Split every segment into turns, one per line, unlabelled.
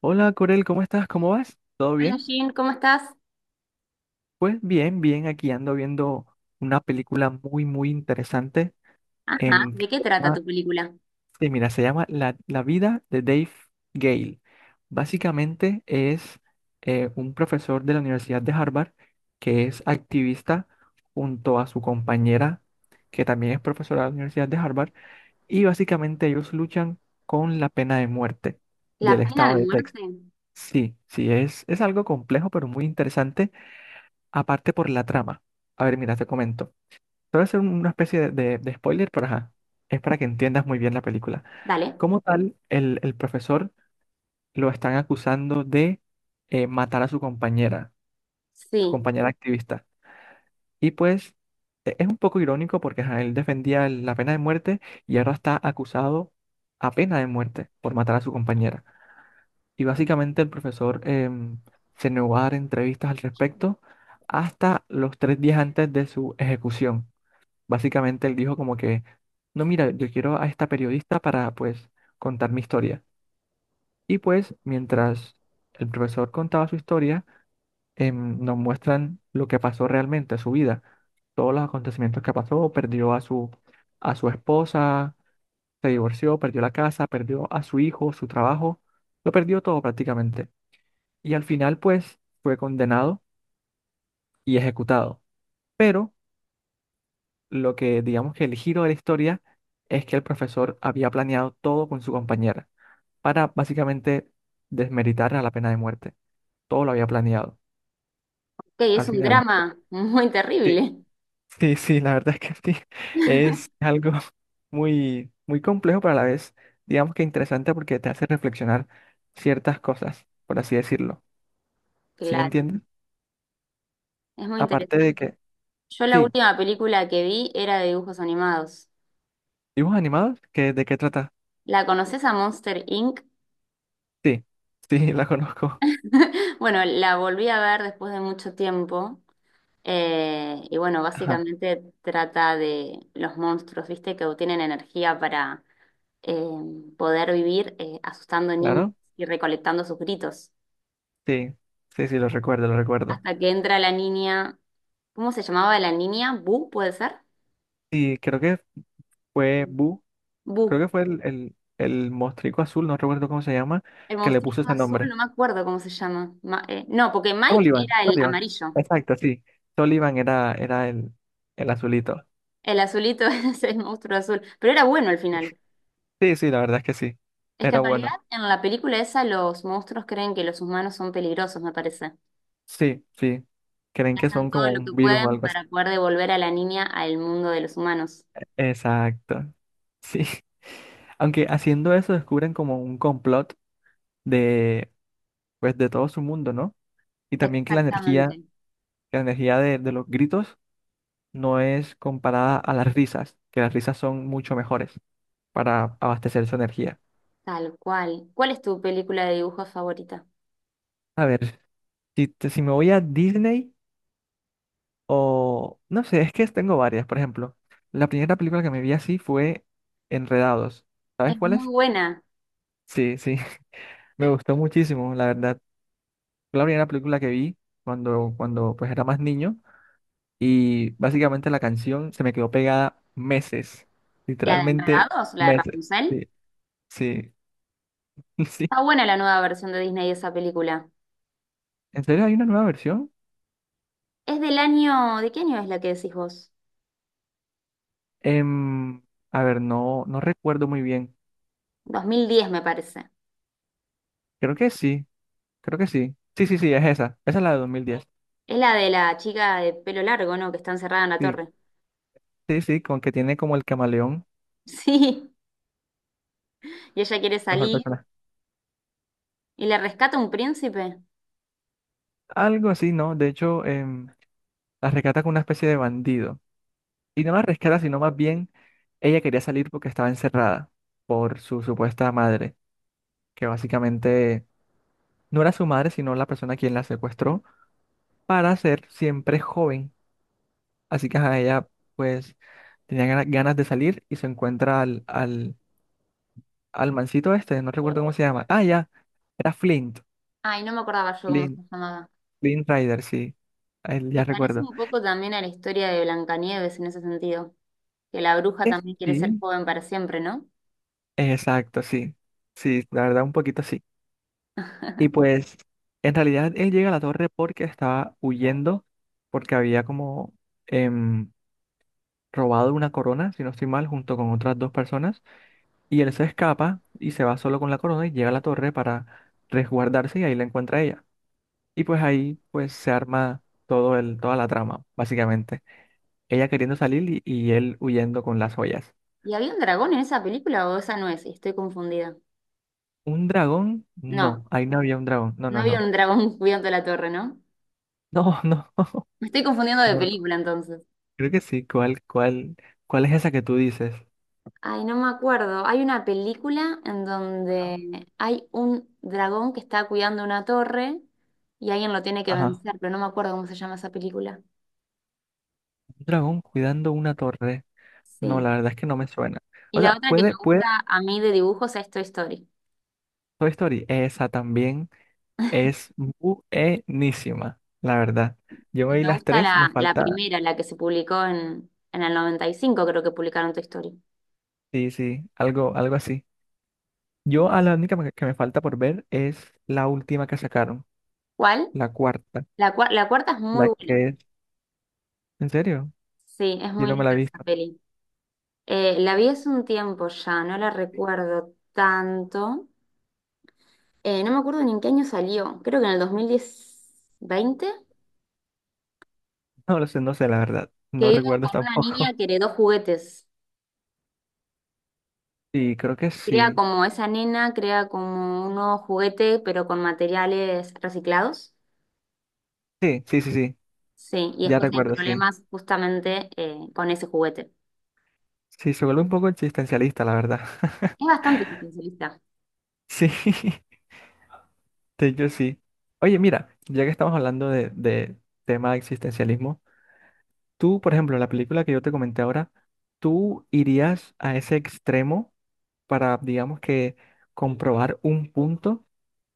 Hola Corel, ¿cómo estás? ¿Cómo vas? ¿Todo
Hola
bien?
Jean, ¿cómo estás?
Pues bien, bien, aquí ando viendo una película muy, muy interesante.
Ajá,
em,
¿de
que
qué
se
trata tu
llama-
película?
sí, mira, se llama La vida de Dave Gale. Básicamente es un profesor de la Universidad de Harvard que es activista junto a su compañera, que también es profesora de la Universidad de Harvard, y básicamente ellos luchan con la pena de muerte del
¿La pena
estado
de
de Texas.
muerte?
Sí, sí, es algo complejo, pero muy interesante, aparte por la trama. A ver, mira, te comento. Te voy a hacer una especie de spoiler, pero ajá, es para que entiendas muy bien la película.
Dale.
Como tal, el profesor lo están acusando de matar a su
Sí,
compañera activista. Y pues es un poco irónico porque ajá, él defendía la pena de muerte y ahora está acusado a pena de muerte por matar a su compañera. Y básicamente el profesor se negó a dar entrevistas al respecto hasta los 3 días antes de su ejecución. Básicamente él dijo como que: no, mira, yo quiero a esta periodista para, pues, contar mi historia. Y pues mientras el profesor contaba su historia, nos muestran lo que pasó realmente, su vida, todos los acontecimientos que pasó, perdió a su esposa, se divorció, perdió la casa, perdió a su hijo, su trabajo, lo perdió todo prácticamente. Y al final, pues, fue condenado y ejecutado. Pero lo que digamos que el giro de la historia es que el profesor había planeado todo con su compañera para básicamente desmeritar a la pena de muerte. Todo lo había planeado.
que
Al
es un
final, pues,
drama muy
sí.
terrible.
Sí, sí, la verdad es que sí. Es algo muy, muy complejo, pero a la vez, digamos que interesante porque te hace reflexionar ciertas cosas, por así decirlo. ¿Sí me
Claro,
entiendes?
es muy
Aparte de
interesante.
que,
Yo la
sí,
última película que vi era de dibujos animados.
dibujos animados. ¿De qué trata?
¿La conoces a Monster Inc?
Sí, sí, la conozco.
Bueno, la volví a ver después de mucho tiempo. Y bueno,
Ajá,
básicamente trata de los monstruos, ¿viste? Que obtienen energía para eh, poder vivir asustando niños
claro.
y recolectando sus gritos.
Sí, sí, sí, lo recuerdo, lo recuerdo.
Hasta que entra la niña, ¿cómo se llamaba la niña? ¿Bu, puede ser?
Sí, creo que fue Bu, creo
Bu,
que fue el mostrico azul, no recuerdo cómo se llama,
el
que le puso
monstruito
ese
azul,
nombre.
no me acuerdo cómo se llama. No, porque Mike
Sullivan,
era el
Sullivan.
amarillo,
Exacto, sí. Sullivan era el azulito.
el azulito es el monstruo azul, pero era bueno al final.
Sí, sí, la verdad es que sí.
Es que
Era
en realidad
bueno.
en la película esa los monstruos creen que los humanos son peligrosos, me parece.
Sí, sí. Creen
Y
que
hacen
son
todo
como
lo
un
que
virus o
pueden
algo así.
para poder devolver a la niña al mundo de los humanos.
Exacto. Sí. Aunque haciendo eso descubren como un complot de, pues, de todo su mundo, ¿no? Y también que la
Exactamente,
energía, que la energía de los gritos no es comparada a las risas, que las risas son mucho mejores para abastecer su energía.
tal cual. ¿Cuál es tu película de dibujos favorita?
A ver, si me voy a Disney. No sé, es que tengo varias. Por ejemplo, la primera película que me vi así fue Enredados. ¿Sabes
Es
cuál
muy
es?
buena.
Sí, sí, me gustó muchísimo, la verdad. Fue la primera película que vi cuando pues era más niño y básicamente la canción se me quedó pegada meses,
La de
literalmente
Enredados, la de
meses.
Rapunzel.
Sí, sí.
Está buena la nueva versión de Disney de esa película.
¿En serio hay una nueva versión?
Es del año, ¿de qué año es la que decís vos?
Em, a ver, no recuerdo muy bien.
2010 me parece.
Creo que sí, creo que sí. Sí, sí, sí, es esa. Esa es la de 2010.
Es la de la chica de pelo largo, ¿no? Que está encerrada en la
Sí,
torre.
sí, sí, con que tiene como el camaleón,
Sí, y ella quiere
mejor
salir
persona.
y le rescata un príncipe.
Algo así, ¿no? De hecho, la rescata con una especie de bandido. Y no la rescata, sino más bien ella quería salir porque estaba encerrada por su supuesta madre, que básicamente no era su madre, sino la persona quien la secuestró para ser siempre joven. Así que ajá, ella pues tenía ganas de salir y se encuentra al mancito este, no recuerdo cómo se llama. Ah, ya, era Flint,
Ay, no me acordaba yo cómo
Flint,
se llamaba.
Flint Rider, sí, a él
Me
ya
parece
recuerdo.
un poco también a la historia de Blancanieves en ese sentido, que la bruja también quiere ser
Sí.
joven para siempre, ¿no?
Exacto, sí, sí, la verdad un poquito sí. Y pues en realidad él llega a la torre porque estaba huyendo, porque había como em, robado una corona, si no estoy mal, junto con otras dos personas. Y él se escapa y se va solo con la corona y llega a la torre para resguardarse y ahí la encuentra ella. Y pues ahí, pues, se arma todo el, toda la trama, básicamente. Ella queriendo salir y, él huyendo con las joyas.
¿Y había un dragón en esa película o esa no es? Estoy confundida.
¿Un dragón? No,
No,
ahí no había un dragón. No,
no
no,
había
no.
un dragón cuidando la torre, ¿no?
No, no,
Me estoy confundiendo de
no. No.
película entonces.
Creo que sí. ¿Cuál es esa que tú dices?
Ay, no me acuerdo. Hay una película en
Ajá.
donde hay un dragón que está cuidando una torre y alguien lo tiene que
Ajá.
vencer, pero no me acuerdo cómo se llama esa película.
Un dragón cuidando una torre. No,
Sí.
la verdad es que no me suena.
Y
O
la
sea,
otra que me
puede, puede.
gusta a mí de dibujos es Toy Story.
Toy Story, esa también. Es buenísima, la verdad. Yo me vi
Me
las
gusta
tres, me
la
falta,
primera, la que se publicó en el 95, creo que publicaron Toy Story.
sí, sí, algo, algo así. Yo a la única que me falta por ver es la última que sacaron,
¿Cuál?
la cuarta,
La cuarta es muy
la
buena.
que es, ¿en serio?
Sí, es
Yo no
muy
me la
linda
he
esa
visto.
peli. La vi hace un tiempo ya, no la recuerdo tanto. No me acuerdo ni en qué año salió, creo que en el 2020
No lo sé, no sé, la verdad. No
que iban
recuerdo
con una
tampoco.
niña que heredó juguetes.
Sí, creo que
Crea
sí.
como esa nena, crea como un nuevo juguete, pero con materiales reciclados.
Sí, sí, sí, sí.
Sí, y
Ya
después hay
recuerdo, sí.
problemas justamente con ese juguete.
Sí, se vuelve un poco existencialista, la verdad.
Es bastante existencialista.
Sí, de hecho sí. Oye, mira, ya que estamos hablando de tema de existencialismo, tú, por ejemplo, la película que yo te comenté ahora, ¿tú irías a ese extremo para, digamos que, comprobar un punto?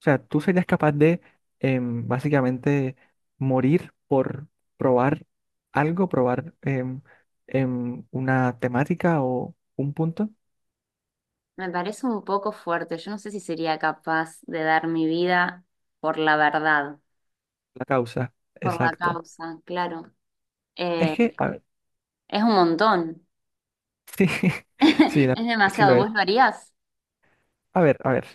O sea, ¿tú serías capaz de básicamente morir por probar algo, probar una temática o un punto?
Me parece un poco fuerte. Yo no sé si sería capaz de dar mi vida por la verdad,
La causa,
por la
exacto.
causa, claro.
Es
Eh,
que, a ver,
es un montón.
sí, sí,
Es
sí lo
demasiado.
es.
¿Vos lo harías?
A ver, a ver.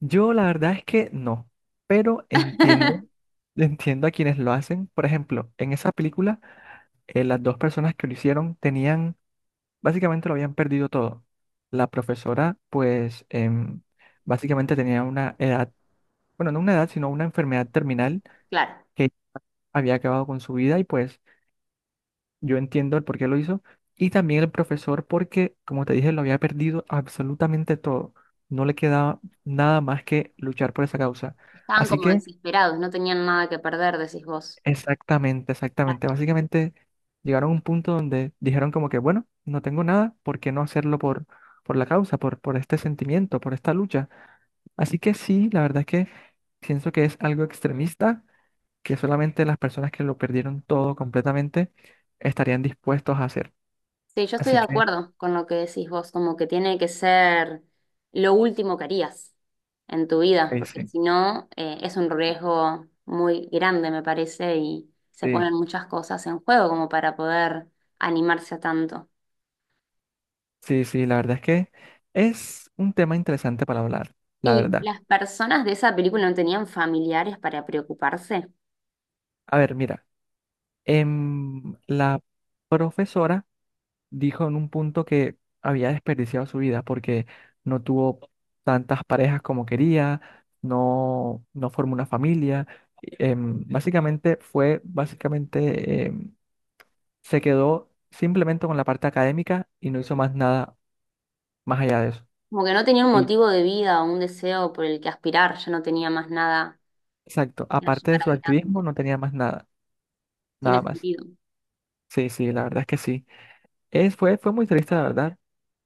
Yo la verdad es que no, pero entiendo, entiendo a quienes lo hacen. Por ejemplo, en esa película, las dos personas que lo hicieron tenían, básicamente, lo habían perdido todo. La profesora, pues, básicamente tenía una edad, bueno, no una edad, sino una enfermedad terminal
Claro,
que había acabado con su vida, y pues yo entiendo el por qué lo hizo. Y también el profesor porque, como te dije, lo había perdido absolutamente todo. No le quedaba nada más que luchar por esa causa.
estaban
Así
como
que.
desesperados, no tenían nada que perder, decís vos.
Exactamente,
Claro.
exactamente. Básicamente llegaron a un punto donde dijeron como que, bueno, no tengo nada, ¿por qué no hacerlo por, la causa, por este sentimiento, por esta lucha? Así que sí, la verdad es que pienso que es algo extremista, que solamente las personas que lo perdieron todo completamente estarían dispuestos a hacer.
Sí, yo estoy
Así
de
que,
acuerdo con lo que decís vos, como que tiene que ser lo último que harías en tu vida,
ok,
porque
sí,
si no, es un riesgo muy grande, me parece, y se
sí,
ponen muchas cosas en juego como para poder animarse a tanto.
sí, sí, la verdad es que es un tema interesante para hablar, la
Y
verdad.
las personas de esa película no tenían familiares para preocuparse,
A ver, mira, la profesora dijo en un punto que había desperdiciado su vida porque no tuvo tantas parejas como quería, no, no formó una familia. Básicamente se quedó simplemente con la parte académica y no hizo más nada más allá de eso.
como que no tenía un
Y
motivo de vida o un deseo por el que aspirar, ya no tenía más nada
exacto,
que
aparte de
llevar
su activismo
adelante.
no tenía más nada,
Tiene
nada más.
sentido.
Sí, sí, la verdad es que sí. Fue muy triste, la verdad,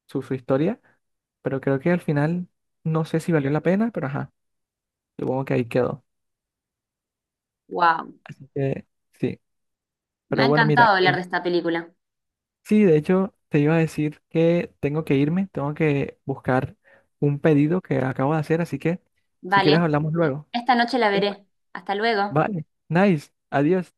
su historia, pero creo que al final no sé si valió la pena, pero ajá, supongo que ahí quedó.
Wow.
Así que sí,
Me ha
pero bueno, mira,
encantado hablar de esta película.
sí, de hecho te iba a decir que tengo que irme, tengo que buscar un pedido que acabo de hacer, así que si quieres
Vale,
hablamos luego.
esta noche la
¿Listo?
veré. Hasta luego.
Vale, nice, adiós.